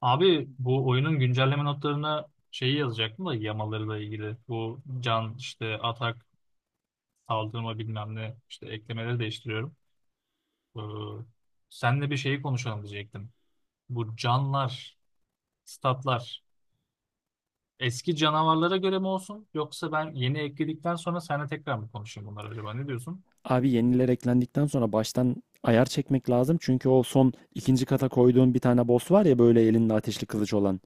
Abi bu oyunun güncelleme notlarına şeyi yazacaktım da yamalarıyla ilgili. Bu can işte atak saldırma bilmem ne işte eklemeleri değiştiriyorum. Ee, senle bir şeyi konuşalım diyecektim. Bu canlar, statlar eski canavarlara göre mi olsun yoksa ben yeni ekledikten sonra seninle tekrar mı konuşayım bunlar acaba ne diyorsun? Abi yeniler eklendikten sonra baştan ayar çekmek lazım. Çünkü o son ikinci kata koyduğun bir tane boss var ya böyle elinde ateşli kılıç olan.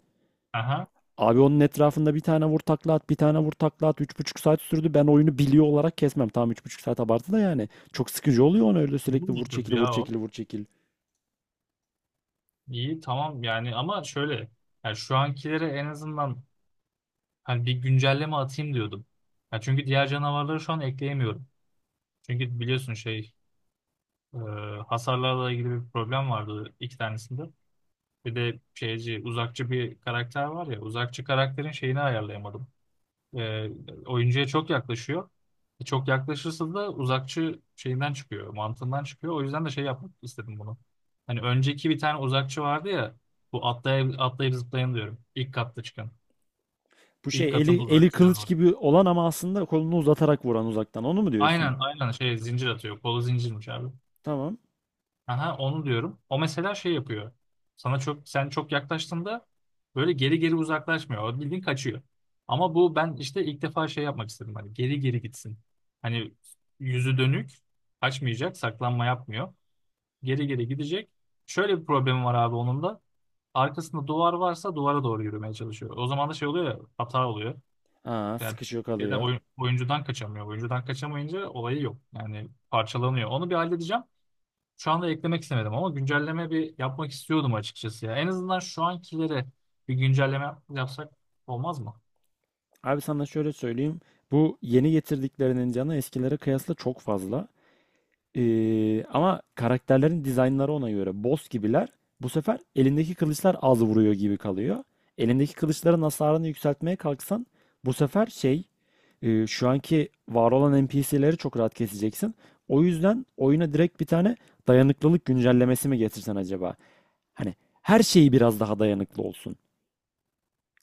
Aha Abi onun etrafında bir tane vur takla at, bir tane vur takla at. 3,5 saat sürdü. Ben oyunu biliyor olarak kesmem. Tamam, 3,5 saat abartı da yani. Çok sıkıcı oluyor onu öyle bu sürekli mu vur türdü çekil, vur ya o? çekil, vur çekil. İyi, tamam yani ama şöyle, yani şu ankilere en azından hani bir güncelleme atayım diyordum. Ya çünkü diğer canavarları şu an ekleyemiyorum. Çünkü biliyorsun şey, e, hasarlarla ilgili bir problem vardı iki tanesinde. Bir de şeyci uzakçı bir karakter var ya, uzakçı karakterin şeyini ayarlayamadım. E, oyuncuya çok yaklaşıyor. Çok yaklaşırsa da uzakçı şeyinden çıkıyor, mantığından çıkıyor. O yüzden de şey yapmak istedim bunu. Hani önceki bir tane uzakçı vardı ya, bu atlayıp, atlayıp zıplayan diyorum. İlk katta çıkan. Bu İlk şey eli katın eli uzakçı kılıç canavarı. gibi olan ama aslında kolunu uzatarak vuran uzaktan. Onu mu diyorsun? Aynen aynen, şey zincir atıyor. Kolu zincirmiş abi. Tamam. Aha onu diyorum. O mesela şey yapıyor. Sana çok, sen çok yaklaştığında böyle geri geri uzaklaşmıyor. O bildiğin kaçıyor. Ama bu, ben işte ilk defa şey yapmak istedim. Hani geri geri gitsin. Hani yüzü dönük kaçmayacak, saklanma yapmıyor. Geri geri gidecek. Şöyle bir problemi var abi onun da. Arkasında duvar varsa duvara doğru yürümeye çalışıyor. O zaman da şey oluyor ya, hata oluyor. Aa, Yani sıkışıyor şeyden, kalıyor. Oyuncudan kaçamıyor. Oyuncudan kaçamayınca olayı yok. Yani parçalanıyor. Onu bir halledeceğim. Şu anda eklemek istemedim ama güncelleme bir yapmak istiyordum açıkçası ya. En azından şu ankilere bir güncelleme yapsak olmaz mı? Abi sana şöyle söyleyeyim. Bu yeni getirdiklerinin canı eskilere kıyasla çok fazla. Ama karakterlerin dizaynları ona göre. Boss gibiler. Bu sefer elindeki kılıçlar az vuruyor gibi kalıyor. Elindeki kılıçların hasarını yükseltmeye kalksan bu sefer şu anki var olan NPC'leri çok rahat keseceksin. O yüzden oyuna direkt bir tane dayanıklılık güncellemesi mi getirsen acaba? Hani her şeyi biraz daha dayanıklı olsun.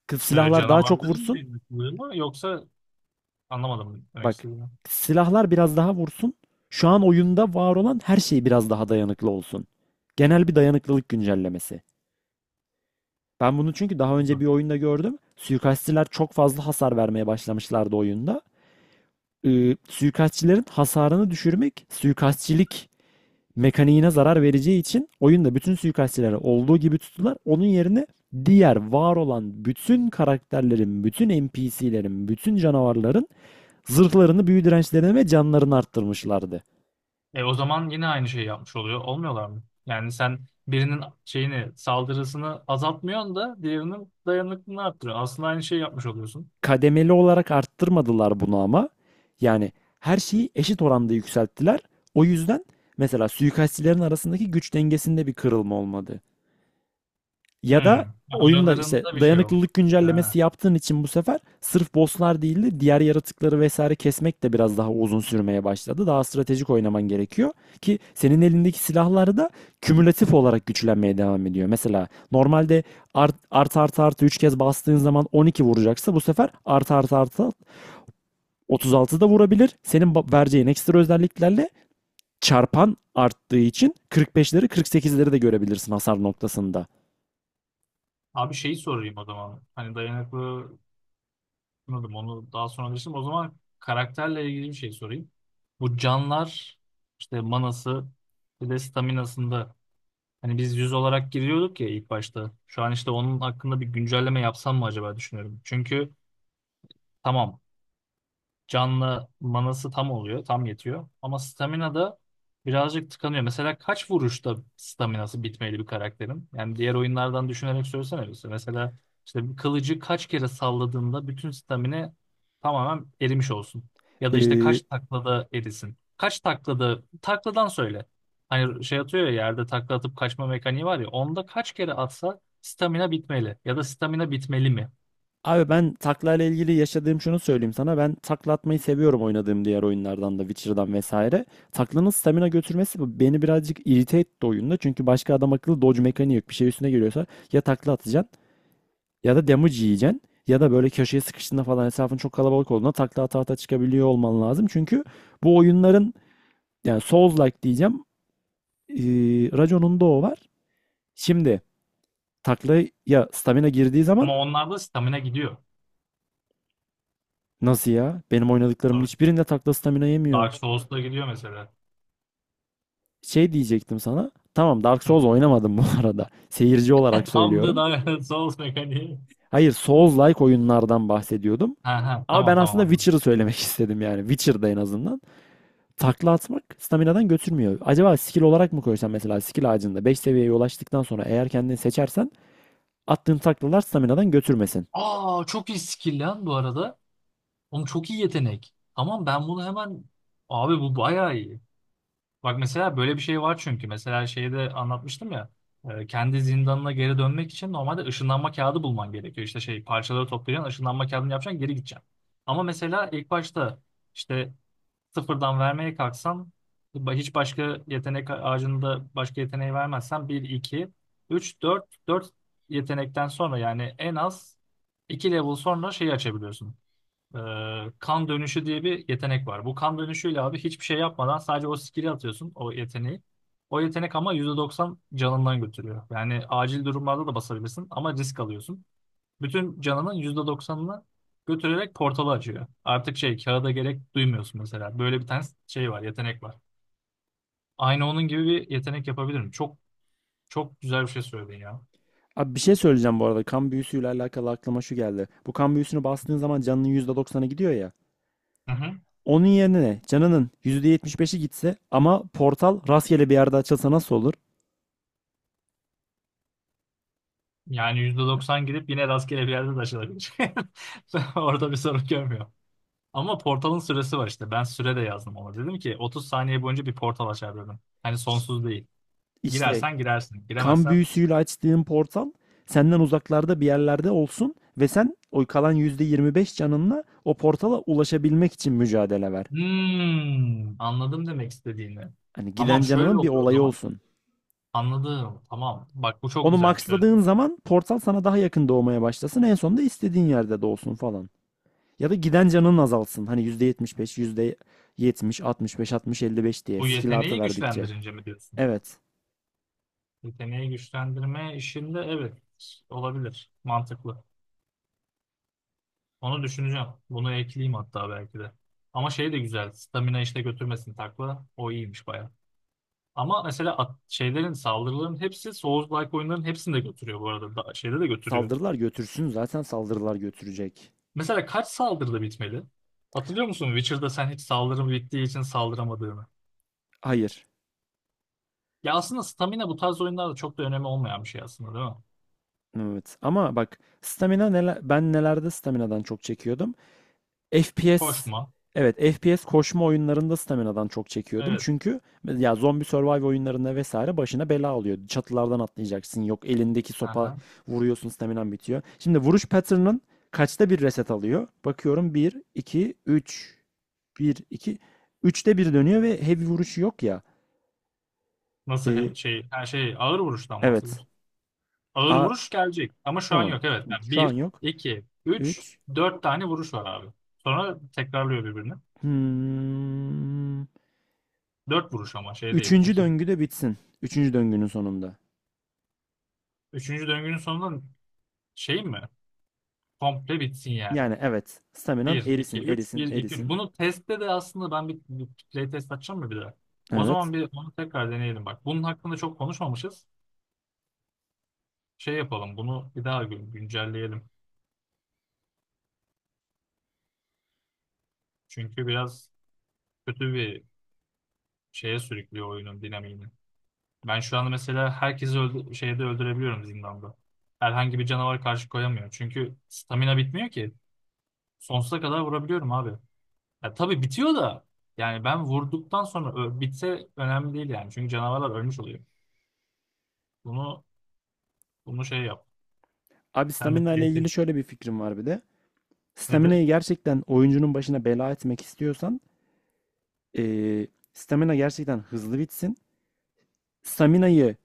Kız Böyle silahlar daha canavar çok dedim vursun. mi mı, yoksa anlamadım demek Bak, istediğini. silahlar biraz daha vursun. Şu an oyunda var olan her şey biraz daha dayanıklı olsun. Genel bir dayanıklılık güncellemesi. Ben bunu çünkü daha önce bir oyunda gördüm. Suikastçiler çok fazla hasar vermeye başlamışlardı oyunda. Suikastçilerin hasarını düşürmek suikastçilik mekaniğine zarar vereceği için oyunda bütün suikastçilere olduğu gibi tuttular. Onun yerine diğer var olan bütün karakterlerin, bütün NPC'lerin, bütün canavarların zırhlarını, büyü dirençlerini ve canlarını arttırmışlardı. E o zaman yine aynı şeyi yapmış oluyor. Olmuyorlar mı? Yani sen birinin şeyini, saldırısını azaltmıyorsun da diğerinin dayanıklılığını arttırıyorsun. Aslında aynı şeyi yapmış oluyorsun. Kademeli olarak arttırmadılar bunu ama. Yani her şeyi eşit oranda yükselttiler. O yüzden mesela suikastçilerin arasındaki güç dengesinde bir kırılma olmadı. Ya da Hmm. oyunda işte Aralarında bir şey dayanıklılık yok. Ha. güncellemesi yaptığın için bu sefer sırf bosslar değil de diğer yaratıkları vesaire kesmek de biraz daha uzun sürmeye başladı. Daha stratejik oynaman gerekiyor ki senin elindeki silahlar da kümülatif olarak güçlenmeye devam ediyor. Mesela normalde art art art artı 3 kez bastığın zaman 12 vuracaksa bu sefer art art artı 36 da vurabilir. Senin vereceğin ekstra özelliklerle çarpan arttığı için 45'leri 48'leri de görebilirsin hasar noktasında. Abi şeyi sorayım o zaman. Hani dayanıklı, anladım onu, daha sonra anlaşılır. O zaman karakterle ilgili bir şey sorayım. Bu canlar işte, manası, bir de staminasında hani biz yüz olarak giriyorduk ya ilk başta. Şu an işte onun hakkında bir güncelleme yapsam mı acaba düşünüyorum. Çünkü tamam, canlı, manası tam oluyor, tam yetiyor. Ama stamina da birazcık tıkanıyor. Mesela kaç vuruşta staminası bitmeli bir karakterin? Yani diğer oyunlardan düşünerek söylesene bize. Mesela işte bir kılıcı kaç kere salladığında bütün stamina tamamen erimiş olsun. Ya da işte Ee, kaç taklada erisin. Kaç taklada, takladan söyle. Hani şey atıyor ya, yerde takla atıp kaçma mekaniği var ya. Onda kaç kere atsa stamina bitmeli. Ya da stamina bitmeli mi? abi ben takla ile ilgili yaşadığım şunu söyleyeyim sana. Ben takla atmayı seviyorum oynadığım diğer oyunlardan da, Witcher'dan vesaire. Taklanın stamina götürmesi beni birazcık irite etti oyunda. Çünkü başka adam akıllı dodge mekaniği yok. Bir şey üstüne geliyorsa ya takla atacaksın ya da damage yiyeceksin. Ya da böyle köşeye sıkıştığında falan, etrafın çok kalabalık olduğunda takla ata ata çıkabiliyor olman lazım. Çünkü bu oyunların. Yani Souls-like diyeceğim. Ee, Rajon'un da o var. Şimdi taklaya stamina girdiği zaman Ama onlarda stamina gidiyor. nasıl ya? Benim oynadıklarımın hiçbirinde takla stamina yemiyor. Dark Souls'la gidiyor mesela. Şey diyecektim sana. Tamam, Dark Souls oynamadım bu arada. Seyirci olarak Tam da söylüyorum. Dark Souls mekaniği. Hayır, Souls-like oyunlardan bahsediyordum. Ha ha, Ama tamam ben tamam, aslında anladım. Witcher'ı söylemek istedim yani. Witcher'da en azından. Takla atmak staminadan götürmüyor. Acaba skill olarak mı koysan mesela skill ağacında 5 seviyeye ulaştıktan sonra eğer kendini seçersen attığın taklalar staminadan götürmesin. Aa çok iyi skill lan bu arada. Oğlum çok iyi yetenek. Tamam ben bunu hemen... Abi bu bayağı iyi. Bak mesela böyle bir şey var çünkü. Mesela şeyde anlatmıştım ya. Kendi zindanına geri dönmek için normalde ışınlanma kağıdı bulman gerekiyor. İşte şey parçaları toplayacaksın, ışınlanma kağıdını yapacaksın, geri gideceksin. Ama mesela ilk başta işte sıfırdan vermeye kalksan, hiç başka yetenek ağacında başka yeteneği vermezsen bir 2 3 4 yetenekten sonra, yani en az 2 level sonra şeyi açabiliyorsun. Ee, kan dönüşü diye bir yetenek var. Bu kan dönüşüyle abi hiçbir şey yapmadan sadece o skill'i atıyorsun, o yeteneği. O yetenek ama %90 canından götürüyor. Yani acil durumlarda da basabilirsin ama risk alıyorsun. Bütün canının yüzde doksanını götürerek portalı açıyor. Artık şey, kağıda gerek duymuyorsun mesela. Böyle bir tane şey var, yetenek var. Aynı onun gibi bir yetenek yapabilirim. Çok güzel bir şey söyledin ya. Abi bir şey söyleyeceğim bu arada. Kan büyüsüyle alakalı aklıma şu geldi. Bu kan büyüsünü bastığın zaman canının %90'ı gidiyor ya. Hı hı. Onun yerine ne? Canının %75'i gitse ama portal rastgele bir yerde açılsa nasıl olur? Yani %90 gidip yine rastgele bir yerde de açılabilir. Orada bir sorun görmüyor. Ama portalın süresi var işte. Ben süre de yazdım ona. Dedim ki 30 saniye boyunca bir portal açar dedim. Hani Ş- sonsuz değil. İşte Girersen girersin. kan Giremezsen... büyüsüyle açtığın portal senden uzaklarda bir yerlerde olsun ve sen o kalan %25 canınla o portala ulaşabilmek için mücadele ver. Hmm, anladım demek istediğini. Hani giden Tamam, şöyle canının bir olur o olayı zaman. olsun. Anladım. Tamam. Bak bu çok Onu güzelmiş. Evet. maxladığın zaman portal sana daha yakın doğmaya başlasın. En sonunda istediğin yerde doğsun falan. Ya da giden canın azalsın. Hani yüzde yüzde beş yüzde yetmiş, altmış beş altmış 60, beş diye Bu skill artı yeteneği verdikçe. güçlendirince mi diyorsun? Evet. Yeteneği güçlendirme işinde evet, olabilir. Mantıklı. Onu düşüneceğim. Bunu ekleyeyim hatta belki de. Ama şey de güzel. Stamina işte götürmesin takla. O iyiymiş baya. Ama mesela şeylerin, saldırıların hepsi, Souls-like oyunların hepsini de götürüyor bu arada. Da, şeyde de götürüyor. Saldırılar götürsün. Zaten saldırılar götürecek. Mesela kaç saldırıda bitmeli? Hatırlıyor musun Witcher'da sen hiç saldırım bittiği için saldıramadığını? Hayır. Ya aslında stamina bu tarz oyunlarda çok da önemi olmayan bir şey aslında değil mi? Evet. Ama bak stamina neler, ben nelerde staminadan çok çekiyordum. FPS. Koşma. Evet, FPS koşma oyunlarında staminadan çok çekiyordum. Evet. Çünkü ya zombi survive oyunlarında vesaire başına bela oluyordu. Çatılardan atlayacaksın. Yok, elindeki sopa Aha. vuruyorsun staminan bitiyor. Şimdi vuruş pattern'ın kaçta bir reset alıyor? Bakıyorum bir, iki, üç, bir, iki, üçte bir dönüyor ve heavy vuruşu yok ya. Nasıl Ee, şey, her şey ağır vuruştan evet. bahsediyoruz. Ağır A vuruş gelecek ama şu an tamam. yok. Evet. Yani Şu an bir, yok. iki, üç, 3. dört tane vuruş var abi. Sonra tekrarlıyor birbirini. Hmm. Dört vuruş ama şey değil. Üçüncü İki, döngü de bitsin. Üçüncü döngünün sonunda. üçüncü döngünün sonunda şey mi? Komple bitsin yani. Yani evet. Staminan Bir, iki, erisin, üç, erisin, bir, iki, üç. erisin. Bunu testte de aslında ben bir playtest açacağım mı bir daha? O Evet. zaman bir onu tekrar deneyelim bak. Bunun hakkında çok konuşmamışız. Şey yapalım, bunu bir daha güncelleyelim. Çünkü biraz kötü bir şeye sürüklüyor oyunun dinamiğini. Ben şu anda mesela herkesi öldü şeyde öldürebiliyorum zindanda. Herhangi bir canavar karşı koyamıyor. Çünkü stamina bitmiyor ki. Sonsuza kadar vurabiliyorum abi. Ya tabii bitiyor da, yani ben vurduktan sonra bitse önemli değil yani. Çünkü canavarlar ölmüş oluyor. Bunu bunu şey yap. Abi Sen de stamina ile ilgili playtest şöyle bir fikrim var bir de. nedir? Stamina'yı gerçekten oyuncunun başına bela etmek istiyorsan stamina gerçekten hızlı bitsin. Stamina'yı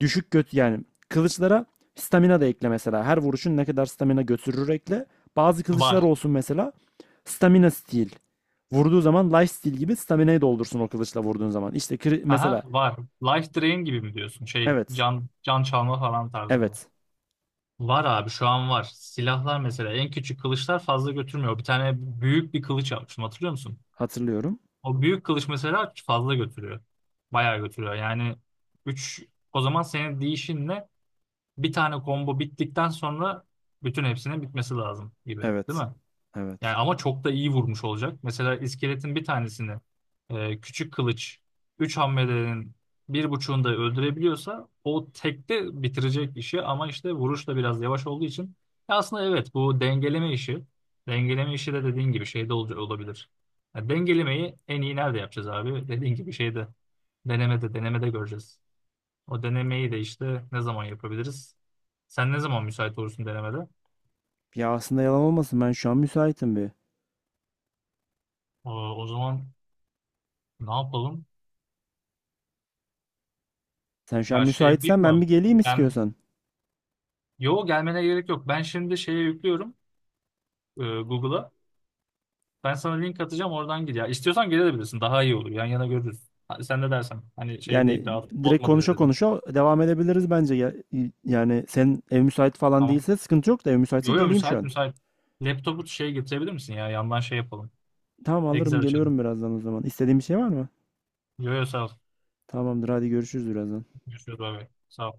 düşük göt yani kılıçlara stamina da ekle mesela. Her vuruşun ne kadar stamina götürür ekle. Bazı kılıçlar Var. olsun mesela stamina steal. Vurduğu zaman life steal gibi stamina'yı doldursun o kılıçla vurduğun zaman. İşte Aha mesela var. Life Drain gibi mi diyorsun? Şey, evet. can çalma falan tarzında. Evet. Var abi, şu an var. Silahlar mesela, en küçük kılıçlar fazla götürmüyor. Bir tane büyük bir kılıç almıştım, hatırlıyor musun? Hatırlıyorum. O büyük kılıç mesela fazla götürüyor. Bayağı götürüyor. Yani üç, o zaman senin değişinle bir tane combo bittikten sonra bütün hepsinin bitmesi lazım gibi, değil Evet. mi? Yani Evet. ama çok da iyi vurmuş olacak. Mesela iskeletin bir tanesini küçük kılıç 3 hamlelerin bir buçuğunda öldürebiliyorsa o tekte bitirecek işi, ama işte vuruş da biraz yavaş olduğu için... Ya aslında evet, bu dengeleme işi, dengeleme işi de dediğin gibi şeyde olabilir. Ya dengelemeyi en iyi nerede yapacağız abi? Dediğin gibi şeyde denemede göreceğiz. O denemeyi de işte ne zaman yapabiliriz? Sen ne zaman müsait olursun denemede? Ya aslında yalan olmasın ben şu an müsaitim bir. O, o zaman ne yapalım? Sen şu an Ya şey müsaitsen yapayım ben mı? bir geleyim Ben, istiyorsan. yo, gelmene gerek yok. Ben şimdi şeye yüklüyorum, Google'a. Ben sana link atacağım, oradan gir. Ya istiyorsan gelebilirsin. Daha iyi olur. Yan yana görürüz. Ha, sen de dersen. Hani şey Yani değil. Daha direkt bozma diye konuşa dedim. konuşa devam edebiliriz bence. Yani sen ev müsait falan Tamam. değilse sıkıntı yok da ev müsaitse Yo geleyim şu müsait an. müsait. Laptopu şey getirebilir misin ya? Yandan şey yapalım. Tamam Excel alırım açalım. geliyorum birazdan o zaman. İstediğin bir şey var mı? Yo sağ ol. Tamamdır, hadi görüşürüz birazdan. Görüşürüz. Bay bay. Sağ ol.